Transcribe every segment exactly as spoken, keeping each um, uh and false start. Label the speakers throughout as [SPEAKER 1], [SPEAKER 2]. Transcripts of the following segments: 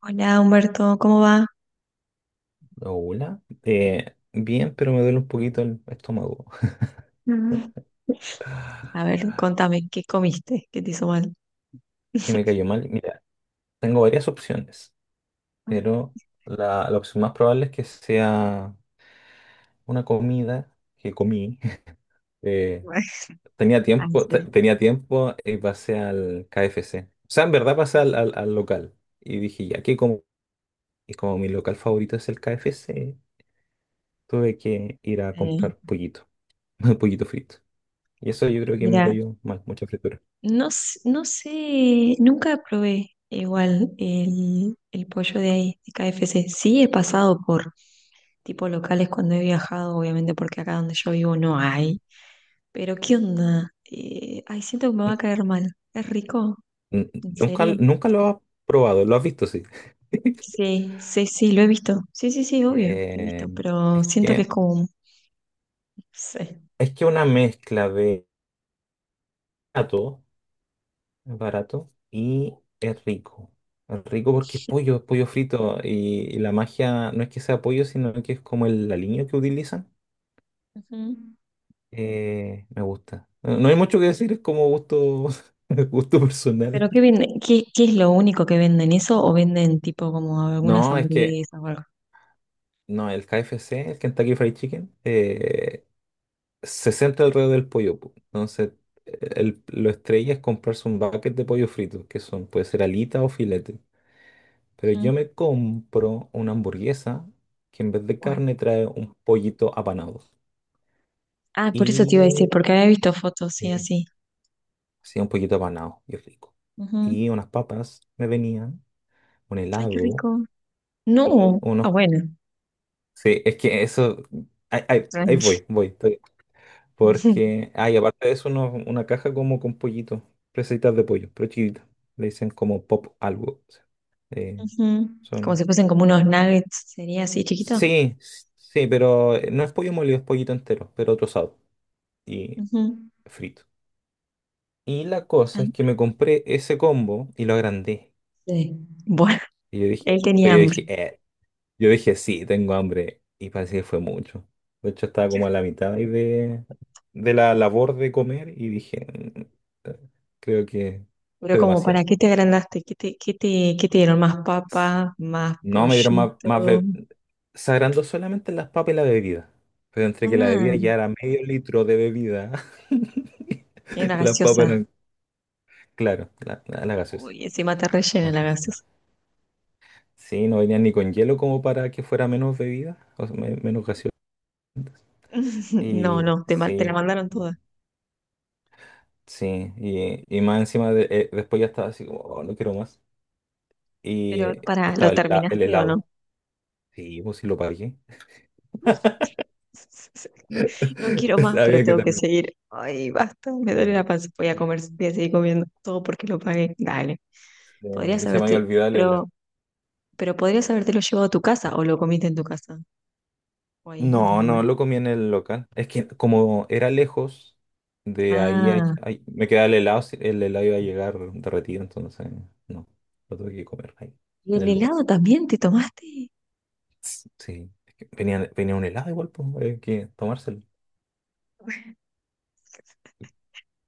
[SPEAKER 1] Hola Humberto, ¿cómo va?
[SPEAKER 2] Hola. Eh, bien, pero me duele un poquito el estómago.
[SPEAKER 1] Mm. A ver, contame, ¿qué comiste? ¿Qué te hizo mal?
[SPEAKER 2] Que me cayó mal. Mira, tengo varias opciones, pero la, la opción más probable es que sea una comida que comí. Eh, tenía
[SPEAKER 1] Ah, en
[SPEAKER 2] tiempo, te-
[SPEAKER 1] serio.
[SPEAKER 2] tenía tiempo y pasé al K F C. O sea, en verdad pasé al, al- al local. Y dije, ya que como, y como mi local favorito es el K F C, tuve que ir a
[SPEAKER 1] Eh,
[SPEAKER 2] comprar pollito, pollito frito. Y eso yo creo que me
[SPEAKER 1] Mira,
[SPEAKER 2] cayó mal, mucha fritura.
[SPEAKER 1] no, s- no sé, nunca probé igual el, el pollo de ahí, de K F C. Sí he pasado por tipo locales cuando he viajado, obviamente porque acá donde yo vivo no hay. Pero ¿qué onda? Eh, ay, siento que me va a caer mal. ¿Es rico?
[SPEAKER 2] N-
[SPEAKER 1] ¿En
[SPEAKER 2] Nunca,
[SPEAKER 1] serio?
[SPEAKER 2] nunca lo has probado, lo has visto, sí.
[SPEAKER 1] Sí, sí, sí, lo he visto. Sí, sí, sí, obvio, lo he
[SPEAKER 2] Eh,
[SPEAKER 1] visto, pero
[SPEAKER 2] es
[SPEAKER 1] siento que es
[SPEAKER 2] que
[SPEAKER 1] como, un- no sé.
[SPEAKER 2] es que una mezcla de barato, es barato y es rico. Es rico porque es pollo, es pollo frito y, y la magia no es que sea pollo, sino que es como el aliño que utilizan.
[SPEAKER 1] Ujú.
[SPEAKER 2] Eh, me gusta. No no hay mucho que decir, es como gusto, gusto personal.
[SPEAKER 1] ¿Pero qué venden? ¿Qué, qué es lo único que venden? ¿Eso o venden tipo como algunas
[SPEAKER 2] No, es que
[SPEAKER 1] hamburguesas o algo?
[SPEAKER 2] no, el K F C, el Kentucky Fried Chicken, eh, se centra alrededor del pollo, po. Entonces, el- lo estrella es comprarse un bucket de pollo frito, que son, puede ser alita o filete. Pero yo
[SPEAKER 1] Ujú.
[SPEAKER 2] me compro una hamburguesa que en vez de
[SPEAKER 1] Bueno.
[SPEAKER 2] carne trae un pollito apanado.
[SPEAKER 1] Ah, por eso te iba a decir,
[SPEAKER 2] Y
[SPEAKER 1] porque había visto fotos, sí,
[SPEAKER 2] sí,
[SPEAKER 1] así.
[SPEAKER 2] sí, un pollito apanado y rico.
[SPEAKER 1] Ujú.
[SPEAKER 2] Y unas papas me venían, un
[SPEAKER 1] Ay, qué
[SPEAKER 2] helado
[SPEAKER 1] rico.
[SPEAKER 2] y
[SPEAKER 1] No. Ah,
[SPEAKER 2] unos.
[SPEAKER 1] bueno.
[SPEAKER 2] Sí, es que eso. Ahí, ahí- ahí
[SPEAKER 1] Tranqui.
[SPEAKER 2] voy, voy.
[SPEAKER 1] Ujú.
[SPEAKER 2] Porque, ah, y aparte de eso, uno- una caja como con pollito, presitas de pollo, pero chiquita. Le dicen como pop algo, o sea, eh,
[SPEAKER 1] Ujú. Como
[SPEAKER 2] son.
[SPEAKER 1] si fuesen como unos nuggets, sería así, chiquito.
[SPEAKER 2] Sí, s- sí, pero eh, no es pollo molido, es pollito entero, pero trozado y
[SPEAKER 1] Ujú.
[SPEAKER 2] frito. Y la cosa
[SPEAKER 1] Ay,
[SPEAKER 2] es que me compré ese combo y lo agrandé.
[SPEAKER 1] sí. Bueno,
[SPEAKER 2] Y yo
[SPEAKER 1] él
[SPEAKER 2] dije, yo
[SPEAKER 1] tenía hambre.
[SPEAKER 2] dije, "Eh, Yo dije, sí, tengo hambre." Y parece que fue mucho. De hecho, estaba como a la mitad ahí de, de la labor de comer y dije, "Mm, eh, Creo que
[SPEAKER 1] Pero
[SPEAKER 2] fue
[SPEAKER 1] como, ¿para
[SPEAKER 2] demasiado."
[SPEAKER 1] qué te agrandaste? ¿Qué te, qué te, qué te dieron? ¿Más papa? ¿Más
[SPEAKER 2] No, me dieron más, más
[SPEAKER 1] pollito?
[SPEAKER 2] be- se solamente las papas y la bebida. Pero entre que la bebida
[SPEAKER 1] Ah,
[SPEAKER 2] ya era medio litro de bebida
[SPEAKER 1] era
[SPEAKER 2] y las papas
[SPEAKER 1] gaseosa.
[SPEAKER 2] eran, claro, la, la, la gaseosa.
[SPEAKER 1] Uy, encima te rellena la
[SPEAKER 2] Entonces, sí,
[SPEAKER 1] gaseosa.
[SPEAKER 2] sí, no venían ni con hielo como para que fuera menos bebida, o sea, me- menos gaseosa.
[SPEAKER 1] No,
[SPEAKER 2] Y
[SPEAKER 1] no, te, ma- te la
[SPEAKER 2] sí.
[SPEAKER 1] mandaron toda.
[SPEAKER 2] Sí, y, y más encima de- eh, después ya estaba así como, "Oh, no quiero más." Y
[SPEAKER 1] Pero para, ¿lo
[SPEAKER 2] estaba el, hela- el
[SPEAKER 1] terminaste o no?
[SPEAKER 2] helado. Sí, pues sí lo pagué.
[SPEAKER 1] No quiero más, pero
[SPEAKER 2] Sabía que
[SPEAKER 1] tengo que
[SPEAKER 2] también.
[SPEAKER 1] seguir. Ay, basta, me duele la panza. Voy a comer, voy a seguir comiendo todo porque lo pagué. Dale.
[SPEAKER 2] Eh,
[SPEAKER 1] Podrías
[SPEAKER 2] y se me había
[SPEAKER 1] haberte,
[SPEAKER 2] olvidado el helado.
[SPEAKER 1] pero, pero podrías habértelo llevado a tu casa o lo comiste en tu casa o ahí en el
[SPEAKER 2] No,
[SPEAKER 1] lugar.
[SPEAKER 2] no, lo comí en el local. Es que como era lejos, de ahí a-
[SPEAKER 1] Ah,
[SPEAKER 2] a- me quedaba el helado, si- el helado iba a llegar derretido, entonces no, lo tuve que comer ahí,
[SPEAKER 1] ¿y
[SPEAKER 2] en
[SPEAKER 1] el
[SPEAKER 2] el lugar.
[SPEAKER 1] helado también te tomaste?
[SPEAKER 2] Sí, es que venía, venía un helado igual, pues, hay que tomárselo.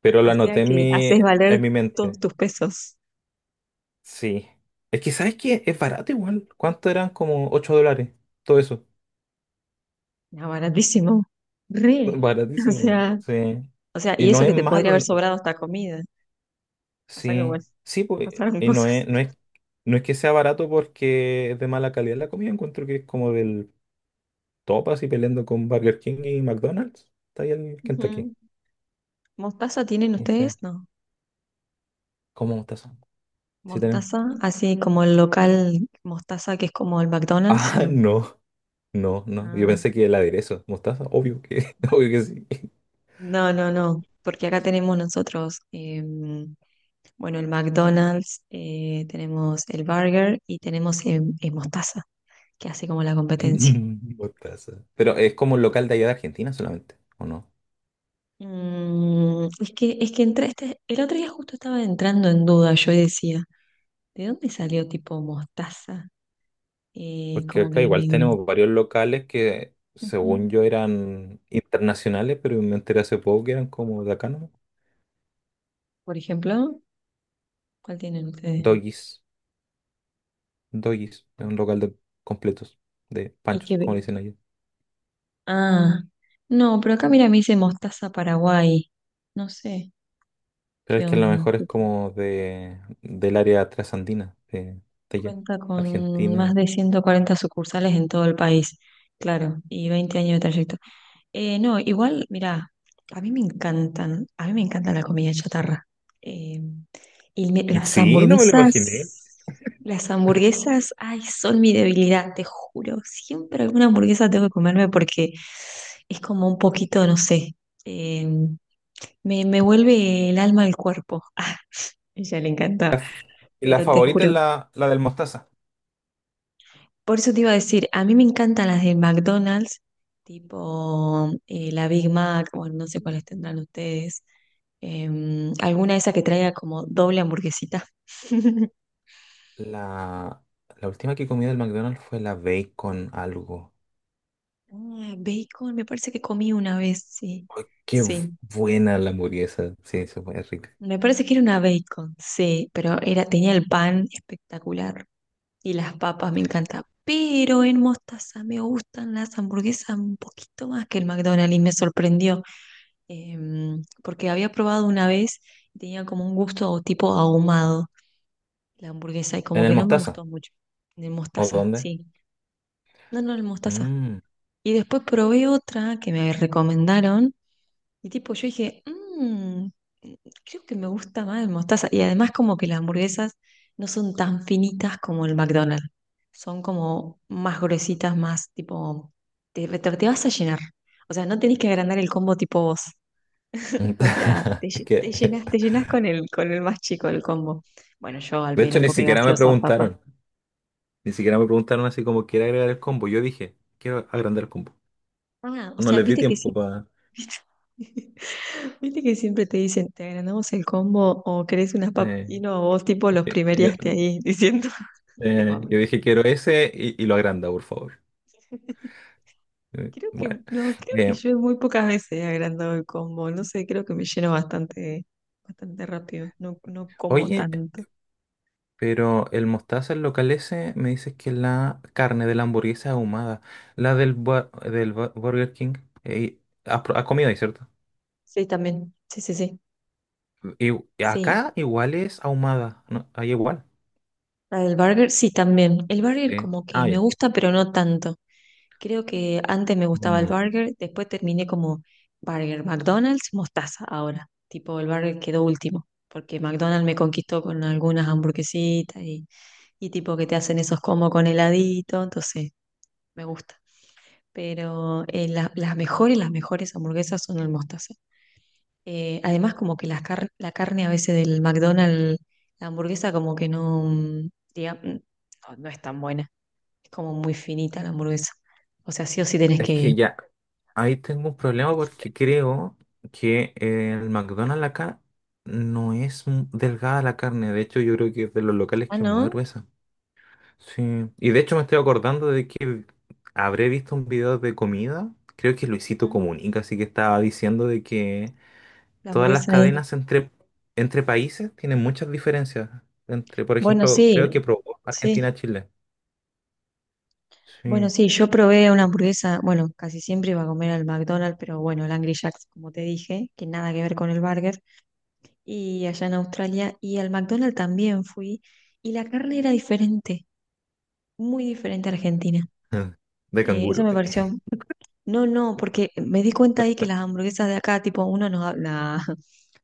[SPEAKER 2] Pero lo
[SPEAKER 1] O sea
[SPEAKER 2] anoté en
[SPEAKER 1] que
[SPEAKER 2] mi,
[SPEAKER 1] haces
[SPEAKER 2] en
[SPEAKER 1] valer
[SPEAKER 2] mi
[SPEAKER 1] todos
[SPEAKER 2] mente.
[SPEAKER 1] tus pesos.
[SPEAKER 2] Sí. Es que, ¿sabes qué? Es barato igual. ¿Cuánto eran? Como ocho dólares. Todo eso.
[SPEAKER 1] Ah, baratísimo. Re. O
[SPEAKER 2] Baratísimo.
[SPEAKER 1] sea,
[SPEAKER 2] Sí.
[SPEAKER 1] O sea,
[SPEAKER 2] Y
[SPEAKER 1] y
[SPEAKER 2] no
[SPEAKER 1] eso
[SPEAKER 2] es
[SPEAKER 1] que te podría
[SPEAKER 2] malo.
[SPEAKER 1] haber sobrado esta comida. O sea que
[SPEAKER 2] Sí.
[SPEAKER 1] bueno,
[SPEAKER 2] Sí, pues.
[SPEAKER 1] pasaron
[SPEAKER 2] Y no es,
[SPEAKER 1] cosas.
[SPEAKER 2] no es, no es que sea barato porque es de mala calidad la comida. Encuentro que es como del top así peleando con Burger King y McDonald's. Está ahí el Kentucky.
[SPEAKER 1] Ujú. ¿Mostaza tienen
[SPEAKER 2] Dice,
[SPEAKER 1] ustedes? No.
[SPEAKER 2] ¿cómo mostaza? Sí tenemos.
[SPEAKER 1] ¿Mostaza? Así como el local mostaza que es como el McDonald's,
[SPEAKER 2] Ah,
[SPEAKER 1] no.
[SPEAKER 2] no. No, no. Yo
[SPEAKER 1] Ah,
[SPEAKER 2] pensé que el aderezo. Mostaza, obvio que, obvio que sí.
[SPEAKER 1] no, no, no. Porque acá tenemos nosotros, em, bueno, el McDonald's, eh, tenemos el burger y tenemos em, eh, mostaza, que hace como la competencia.
[SPEAKER 2] Mostaza. Pero es como un local de allá de Argentina solamente, ¿o no?
[SPEAKER 1] Mm, es que, es que entré, este- el otro día justo estaba entrando en duda, yo y decía, ¿de dónde salió tipo mostaza? Eh,
[SPEAKER 2] Porque
[SPEAKER 1] como que,
[SPEAKER 2] acá igual tenemos varios locales que, según
[SPEAKER 1] Ujú.
[SPEAKER 2] yo, eran internacionales, pero me enteré hace poco que eran como de acá, ¿no?
[SPEAKER 1] Por ejemplo, ¿cuál tienen ustedes?
[SPEAKER 2] Doggies. Doggies. Es un local de completos, de
[SPEAKER 1] Y
[SPEAKER 2] panchos,
[SPEAKER 1] que,
[SPEAKER 2] como le
[SPEAKER 1] ve-
[SPEAKER 2] dicen allá.
[SPEAKER 1] ah, no, pero acá mira, me dice mostaza Paraguay. No sé
[SPEAKER 2] Pero es
[SPEAKER 1] qué
[SPEAKER 2] que a lo
[SPEAKER 1] onda.
[SPEAKER 2] mejor es como de, del área trasandina, de, de allá,
[SPEAKER 1] Cuenta con más
[SPEAKER 2] Argentina.
[SPEAKER 1] de ciento cuarenta sucursales en todo el país, claro, y veinte años de trayecto. Eh, no, igual, mira, a mí me encantan, a mí me encanta la comida chatarra. Eh, y me- las
[SPEAKER 2] Sí, no me lo imaginé.
[SPEAKER 1] hamburguesas, las hamburguesas, ay, son mi debilidad, te juro. Siempre alguna hamburguesa tengo que comerme porque es como un poquito, no sé, eh, me, me vuelve el alma al cuerpo. Ah, ella le encanta,
[SPEAKER 2] La, f- la
[SPEAKER 1] pero te
[SPEAKER 2] favorita
[SPEAKER 1] juro.
[SPEAKER 2] es la, la del Mostaza.
[SPEAKER 1] Por eso te iba a decir, a mí me encantan las de McDonald's, tipo eh, la Big Mac, o no sé cuáles tendrán ustedes. Em, alguna de esas que traiga como doble hamburguesita.
[SPEAKER 2] La, la última que comí del McDonald's fue la bacon algo.
[SPEAKER 1] Ah, bacon, me parece que comí una vez, sí.
[SPEAKER 2] Ay, qué bu-
[SPEAKER 1] Sí,
[SPEAKER 2] buena la hamburguesa. Sí, eso fue rica.
[SPEAKER 1] me parece que era una bacon, sí, pero era, tenía el pan espectacular y las papas me encantan. Pero en Mostaza me gustan las hamburguesas un poquito más que el McDonald's y me sorprendió. Em, porque había probado una vez y tenía como un gusto tipo ahumado la hamburguesa y
[SPEAKER 2] ¿En
[SPEAKER 1] como
[SPEAKER 2] el
[SPEAKER 1] que no me
[SPEAKER 2] Mostaza?
[SPEAKER 1] gustó mucho. De
[SPEAKER 2] ¿O
[SPEAKER 1] mostaza,
[SPEAKER 2] dónde?
[SPEAKER 1] sí. No, no, el mostaza.
[SPEAKER 2] Mm.
[SPEAKER 1] Y después probé otra que me recomendaron y tipo yo dije, mmm, creo que me gusta más el mostaza. Y además como que las hamburguesas no son tan finitas como el McDonald's. Son como más gruesitas, más tipo, te, te- te vas a llenar. O sea, no tenés que agrandar el combo tipo vos. O sea, te,
[SPEAKER 2] Es
[SPEAKER 1] lle- te
[SPEAKER 2] que,
[SPEAKER 1] llenas, te llenas con el, con el más chico del combo. Bueno, yo al
[SPEAKER 2] de hecho,
[SPEAKER 1] menos,
[SPEAKER 2] ni
[SPEAKER 1] porque
[SPEAKER 2] siquiera me
[SPEAKER 1] gaseosa, papa.
[SPEAKER 2] preguntaron. Ni siquiera me preguntaron así como, ¿quiere agregar el combo? Yo dije, quiero agrandar el combo.
[SPEAKER 1] Ah, o
[SPEAKER 2] No
[SPEAKER 1] sea,
[SPEAKER 2] les di
[SPEAKER 1] viste que sí.
[SPEAKER 2] tiempo para.
[SPEAKER 1] Viste que siempre te dicen, te agrandamos el combo o querés unas papas. Y no, vos tipo los
[SPEAKER 2] yo,
[SPEAKER 1] primeriaste ahí diciendo, tengo
[SPEAKER 2] eh,
[SPEAKER 1] hambre.
[SPEAKER 2] yo dije, quiero ese y, y lo agranda, por favor. Eh,
[SPEAKER 1] Creo que,
[SPEAKER 2] bueno.
[SPEAKER 1] no, creo que
[SPEAKER 2] Eh,
[SPEAKER 1] yo muy pocas veces he agrandado el combo. No sé, creo que me lleno bastante, bastante rápido. No, no como
[SPEAKER 2] oye.
[SPEAKER 1] tanto.
[SPEAKER 2] Pero el mostaza, el local ese, me dices que es la carne de la hamburguesa ahumada, la del, bua- del bu- Burger King, eh, has, pro- has comido ahí, ¿cierto?
[SPEAKER 1] Sí, también. Sí, sí, sí.
[SPEAKER 2] Y
[SPEAKER 1] Sí,
[SPEAKER 2] acá igual es ahumada, ¿no? Ahí igual.
[SPEAKER 1] la del burger, sí, también. El burger
[SPEAKER 2] Sí.
[SPEAKER 1] como que
[SPEAKER 2] Ah,
[SPEAKER 1] me
[SPEAKER 2] ya.
[SPEAKER 1] gusta, pero no tanto. Creo que antes me gustaba el
[SPEAKER 2] Mm.
[SPEAKER 1] burger, después terminé como burger, McDonald's, mostaza ahora. Tipo, el burger quedó último, porque McDonald's me conquistó con algunas hamburguesitas y, y tipo que te hacen esos como con heladito, entonces me gusta. Pero eh, la- las mejores, las mejores hamburguesas son el mostaza. Eh, además, como que las car- la carne a veces del McDonald's, la hamburguesa como que no, mm, diga- mm, no no es tan buena como muy finita la hamburguesa. O sea, sí o sí tenés
[SPEAKER 2] Es
[SPEAKER 1] que.
[SPEAKER 2] que ya, ahí tengo un problema porque creo que el McDonald's acá no es m- delgada la carne. De hecho, yo creo que es de los locales
[SPEAKER 1] Ah,
[SPEAKER 2] que es más
[SPEAKER 1] ¿no?
[SPEAKER 2] gruesa. Sí, y de hecho me estoy acordando de que habré visto un video de comida, creo que Luisito
[SPEAKER 1] Mm,
[SPEAKER 2] Comunica, así que estaba diciendo de que
[SPEAKER 1] La
[SPEAKER 2] todas las
[SPEAKER 1] hamburguesa es.
[SPEAKER 2] cadenas entre, entre países tienen muchas diferencias. Entre, por
[SPEAKER 1] Bueno,
[SPEAKER 2] ejemplo, creo que
[SPEAKER 1] sí,
[SPEAKER 2] probó
[SPEAKER 1] sí.
[SPEAKER 2] Argentina-Chile.
[SPEAKER 1] Bueno,
[SPEAKER 2] Sí.
[SPEAKER 1] sí, yo probé una hamburguesa. Bueno, casi siempre iba a comer al McDonald's, pero bueno, el Angry Jack's, como te dije, que nada que ver con el burger. Y allá en Australia. Y al McDonald's también fui. Y la carne era diferente, muy diferente a Argentina.
[SPEAKER 2] De
[SPEAKER 1] Eh, eso
[SPEAKER 2] canguro.
[SPEAKER 1] me pareció. No, no, porque me di cuenta ahí que las hamburguesas de acá, tipo, uno nos habla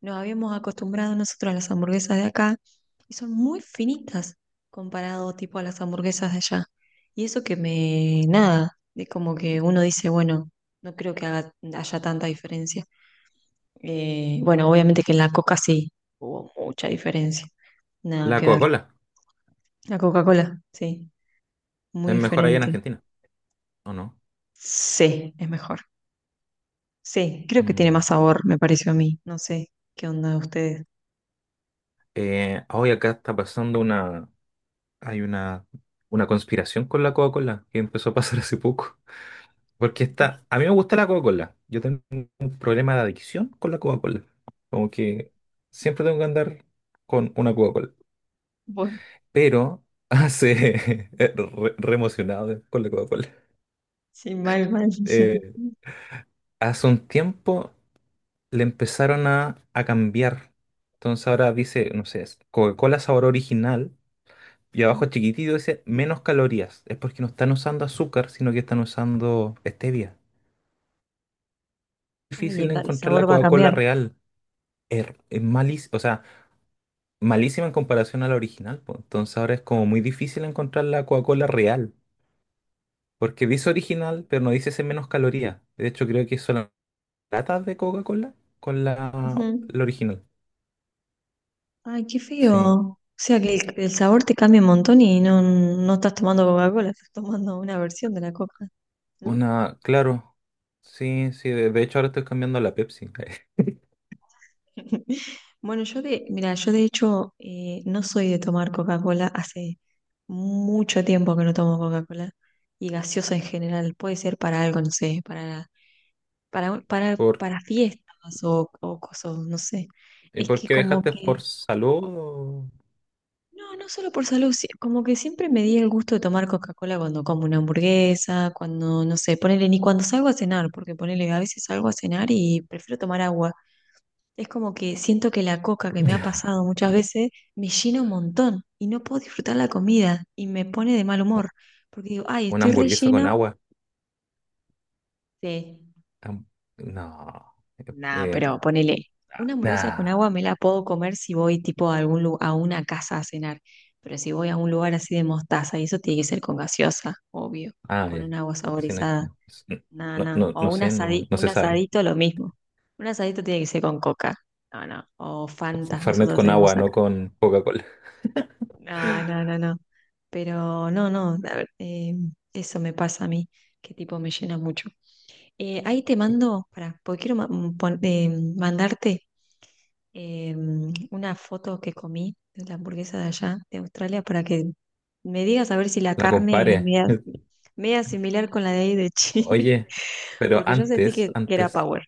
[SPEAKER 1] nos habíamos acostumbrado nosotros a las hamburguesas de acá y son muy finitas comparado tipo a las hamburguesas de allá. Y eso que me, nada, de como que uno dice, bueno, no creo que haga- haya tanta diferencia. Eh, bueno, obviamente que en la Coca sí hubo mucha diferencia. Nada
[SPEAKER 2] La
[SPEAKER 1] que ver.
[SPEAKER 2] Coca-Cola
[SPEAKER 1] La Coca-Cola, sí, muy
[SPEAKER 2] es mejor allá en
[SPEAKER 1] diferente.
[SPEAKER 2] Argentina, ¿o no?
[SPEAKER 1] Sí, es mejor. Sí, creo que tiene más
[SPEAKER 2] Mm.
[SPEAKER 1] sabor, me pareció a mí. No sé qué onda de ustedes.
[SPEAKER 2] Eh, hoy acá está pasando una, hay una, una conspiración con la Coca-Cola que empezó a pasar hace poco. Porque está, a mí me gusta la Coca-Cola. Yo tengo problema de adicción con la Coca-Cola. Como que siempre tengo que andar con una Coca-Cola.
[SPEAKER 1] Bueno,
[SPEAKER 2] Pero hace re, re emocionado con la Coca-Cola.
[SPEAKER 1] sí, mal, mal.
[SPEAKER 2] Eh, hace un tiempo le empezaron a, a cambiar. Entonces ahora dice, no sé, es Coca-Cola sabor original. Y abajo chiquitito dice menos calorías. Es porque no están usando azúcar, sino que están usando stevia.
[SPEAKER 1] Ay,
[SPEAKER 2] Difícil
[SPEAKER 1] el, el
[SPEAKER 2] encontrar la
[SPEAKER 1] sabor va a
[SPEAKER 2] Coca-Cola
[SPEAKER 1] cambiar.
[SPEAKER 2] real. Es, es malísimo. O sea, malísima en comparación a la original, po. Entonces ahora es como muy difícil encontrar la Coca-Cola real, porque dice original, pero no dice ese menos calorías. De hecho, creo que son las latas de Coca-Cola con la,
[SPEAKER 1] Ujú.
[SPEAKER 2] la original.
[SPEAKER 1] Ay, qué feo.
[SPEAKER 2] Sí,
[SPEAKER 1] O sea que el, el sabor te cambia un montón y no, no estás tomando Coca-Cola, estás tomando una versión de la Coca, ¿no?
[SPEAKER 2] una, claro. Sí, sí, de, de hecho ahora estoy cambiando a la Pepsi.
[SPEAKER 1] Bueno, yo de, mira, yo de hecho eh, no soy de tomar Coca-Cola, hace mucho tiempo que no tomo Coca-Cola y gaseosa en general, puede ser para algo, no sé, para, para, para,
[SPEAKER 2] ¿Por,
[SPEAKER 1] para fiestas o, o cosas, no sé.
[SPEAKER 2] ¿y
[SPEAKER 1] Es
[SPEAKER 2] por
[SPEAKER 1] que
[SPEAKER 2] qué
[SPEAKER 1] como
[SPEAKER 2] dejaste por
[SPEAKER 1] que
[SPEAKER 2] salud o-
[SPEAKER 1] No, no solo por salud, sí, como que siempre me di el gusto de tomar Coca-Cola cuando como una hamburguesa, cuando, no sé, ponele, ni cuando salgo a cenar, porque ponele, a veces salgo a cenar y prefiero tomar agua. Es como que siento que la coca que me ha
[SPEAKER 2] Ya.
[SPEAKER 1] pasado muchas veces me llena un montón y no puedo disfrutar la comida y me pone de mal
[SPEAKER 2] u-
[SPEAKER 1] humor, porque digo, ay,
[SPEAKER 2] una
[SPEAKER 1] estoy
[SPEAKER 2] hamburguesa con
[SPEAKER 1] rellena.
[SPEAKER 2] agua?
[SPEAKER 1] Sí.
[SPEAKER 2] Am- No.
[SPEAKER 1] Nada,
[SPEAKER 2] Eh,
[SPEAKER 1] pero ponele, una hamburguesa con
[SPEAKER 2] nah.
[SPEAKER 1] agua me la puedo comer si voy tipo a algún lu- a una casa a cenar, pero si voy a un lugar así de mostaza, y eso tiene que ser con gaseosa, obvio,
[SPEAKER 2] Ah, ah,
[SPEAKER 1] con
[SPEAKER 2] ya.
[SPEAKER 1] un agua
[SPEAKER 2] Sí, no es
[SPEAKER 1] saborizada,
[SPEAKER 2] que.
[SPEAKER 1] nada,
[SPEAKER 2] No,
[SPEAKER 1] nada,
[SPEAKER 2] no,
[SPEAKER 1] o
[SPEAKER 2] no
[SPEAKER 1] un
[SPEAKER 2] sé, no,
[SPEAKER 1] asadi-
[SPEAKER 2] no
[SPEAKER 1] un
[SPEAKER 2] se sabe.
[SPEAKER 1] asadito lo mismo, un asadito tiene que ser con coca, no, no, o Fantas
[SPEAKER 2] Fernet
[SPEAKER 1] nosotros
[SPEAKER 2] con agua,
[SPEAKER 1] tenemos
[SPEAKER 2] no
[SPEAKER 1] acá,
[SPEAKER 2] con Coca-Cola.
[SPEAKER 1] no, no, no, no, pero no, no, a ver, eh, eso me pasa a mí, que tipo me llena mucho. Eh, ahí te mando, para, porque quiero ma- mm, pon- eh, mandarte em, una foto que comí de la hamburguesa de allá, de Australia, para que me digas a ver si la
[SPEAKER 2] La
[SPEAKER 1] carne es
[SPEAKER 2] compare.
[SPEAKER 1] media, media similar con la de ahí de Chile,
[SPEAKER 2] Oye, pero
[SPEAKER 1] porque yo sentí
[SPEAKER 2] antes,
[SPEAKER 1] que, que era
[SPEAKER 2] antes,
[SPEAKER 1] Power.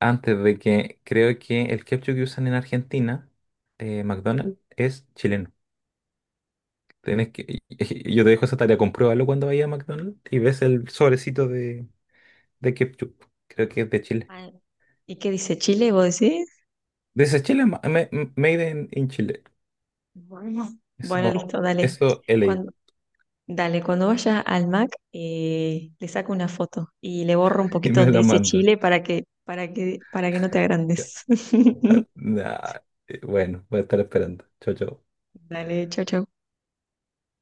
[SPEAKER 2] antes de que creo que el ketchup que usan en Argentina, eh, McDonald's, es chileno. Tenés que, yo te dejo esa tarea, compruébalo cuando vayas a McDonald's y ves el sobrecito de, de ketchup. Creo que es de Chile.
[SPEAKER 1] Ah, ¿y qué dice Chile? ¿Vos decís?
[SPEAKER 2] Dice Chile, ma- ma- made in, in Chile.
[SPEAKER 1] Bueno. Bueno,
[SPEAKER 2] Eso,
[SPEAKER 1] listo, dale.
[SPEAKER 2] eso he leído.
[SPEAKER 1] Cuando, dale, cuando vaya al Mac, eh, le saco una foto y le borro un
[SPEAKER 2] Y
[SPEAKER 1] poquito
[SPEAKER 2] me
[SPEAKER 1] donde
[SPEAKER 2] la
[SPEAKER 1] dice
[SPEAKER 2] manda.
[SPEAKER 1] Chile para que, para que, para que no te agrandes.
[SPEAKER 2] Ah, nah, eh, Bueno, voy a estar esperando. Chao, chao.
[SPEAKER 1] Dale, chau, chau.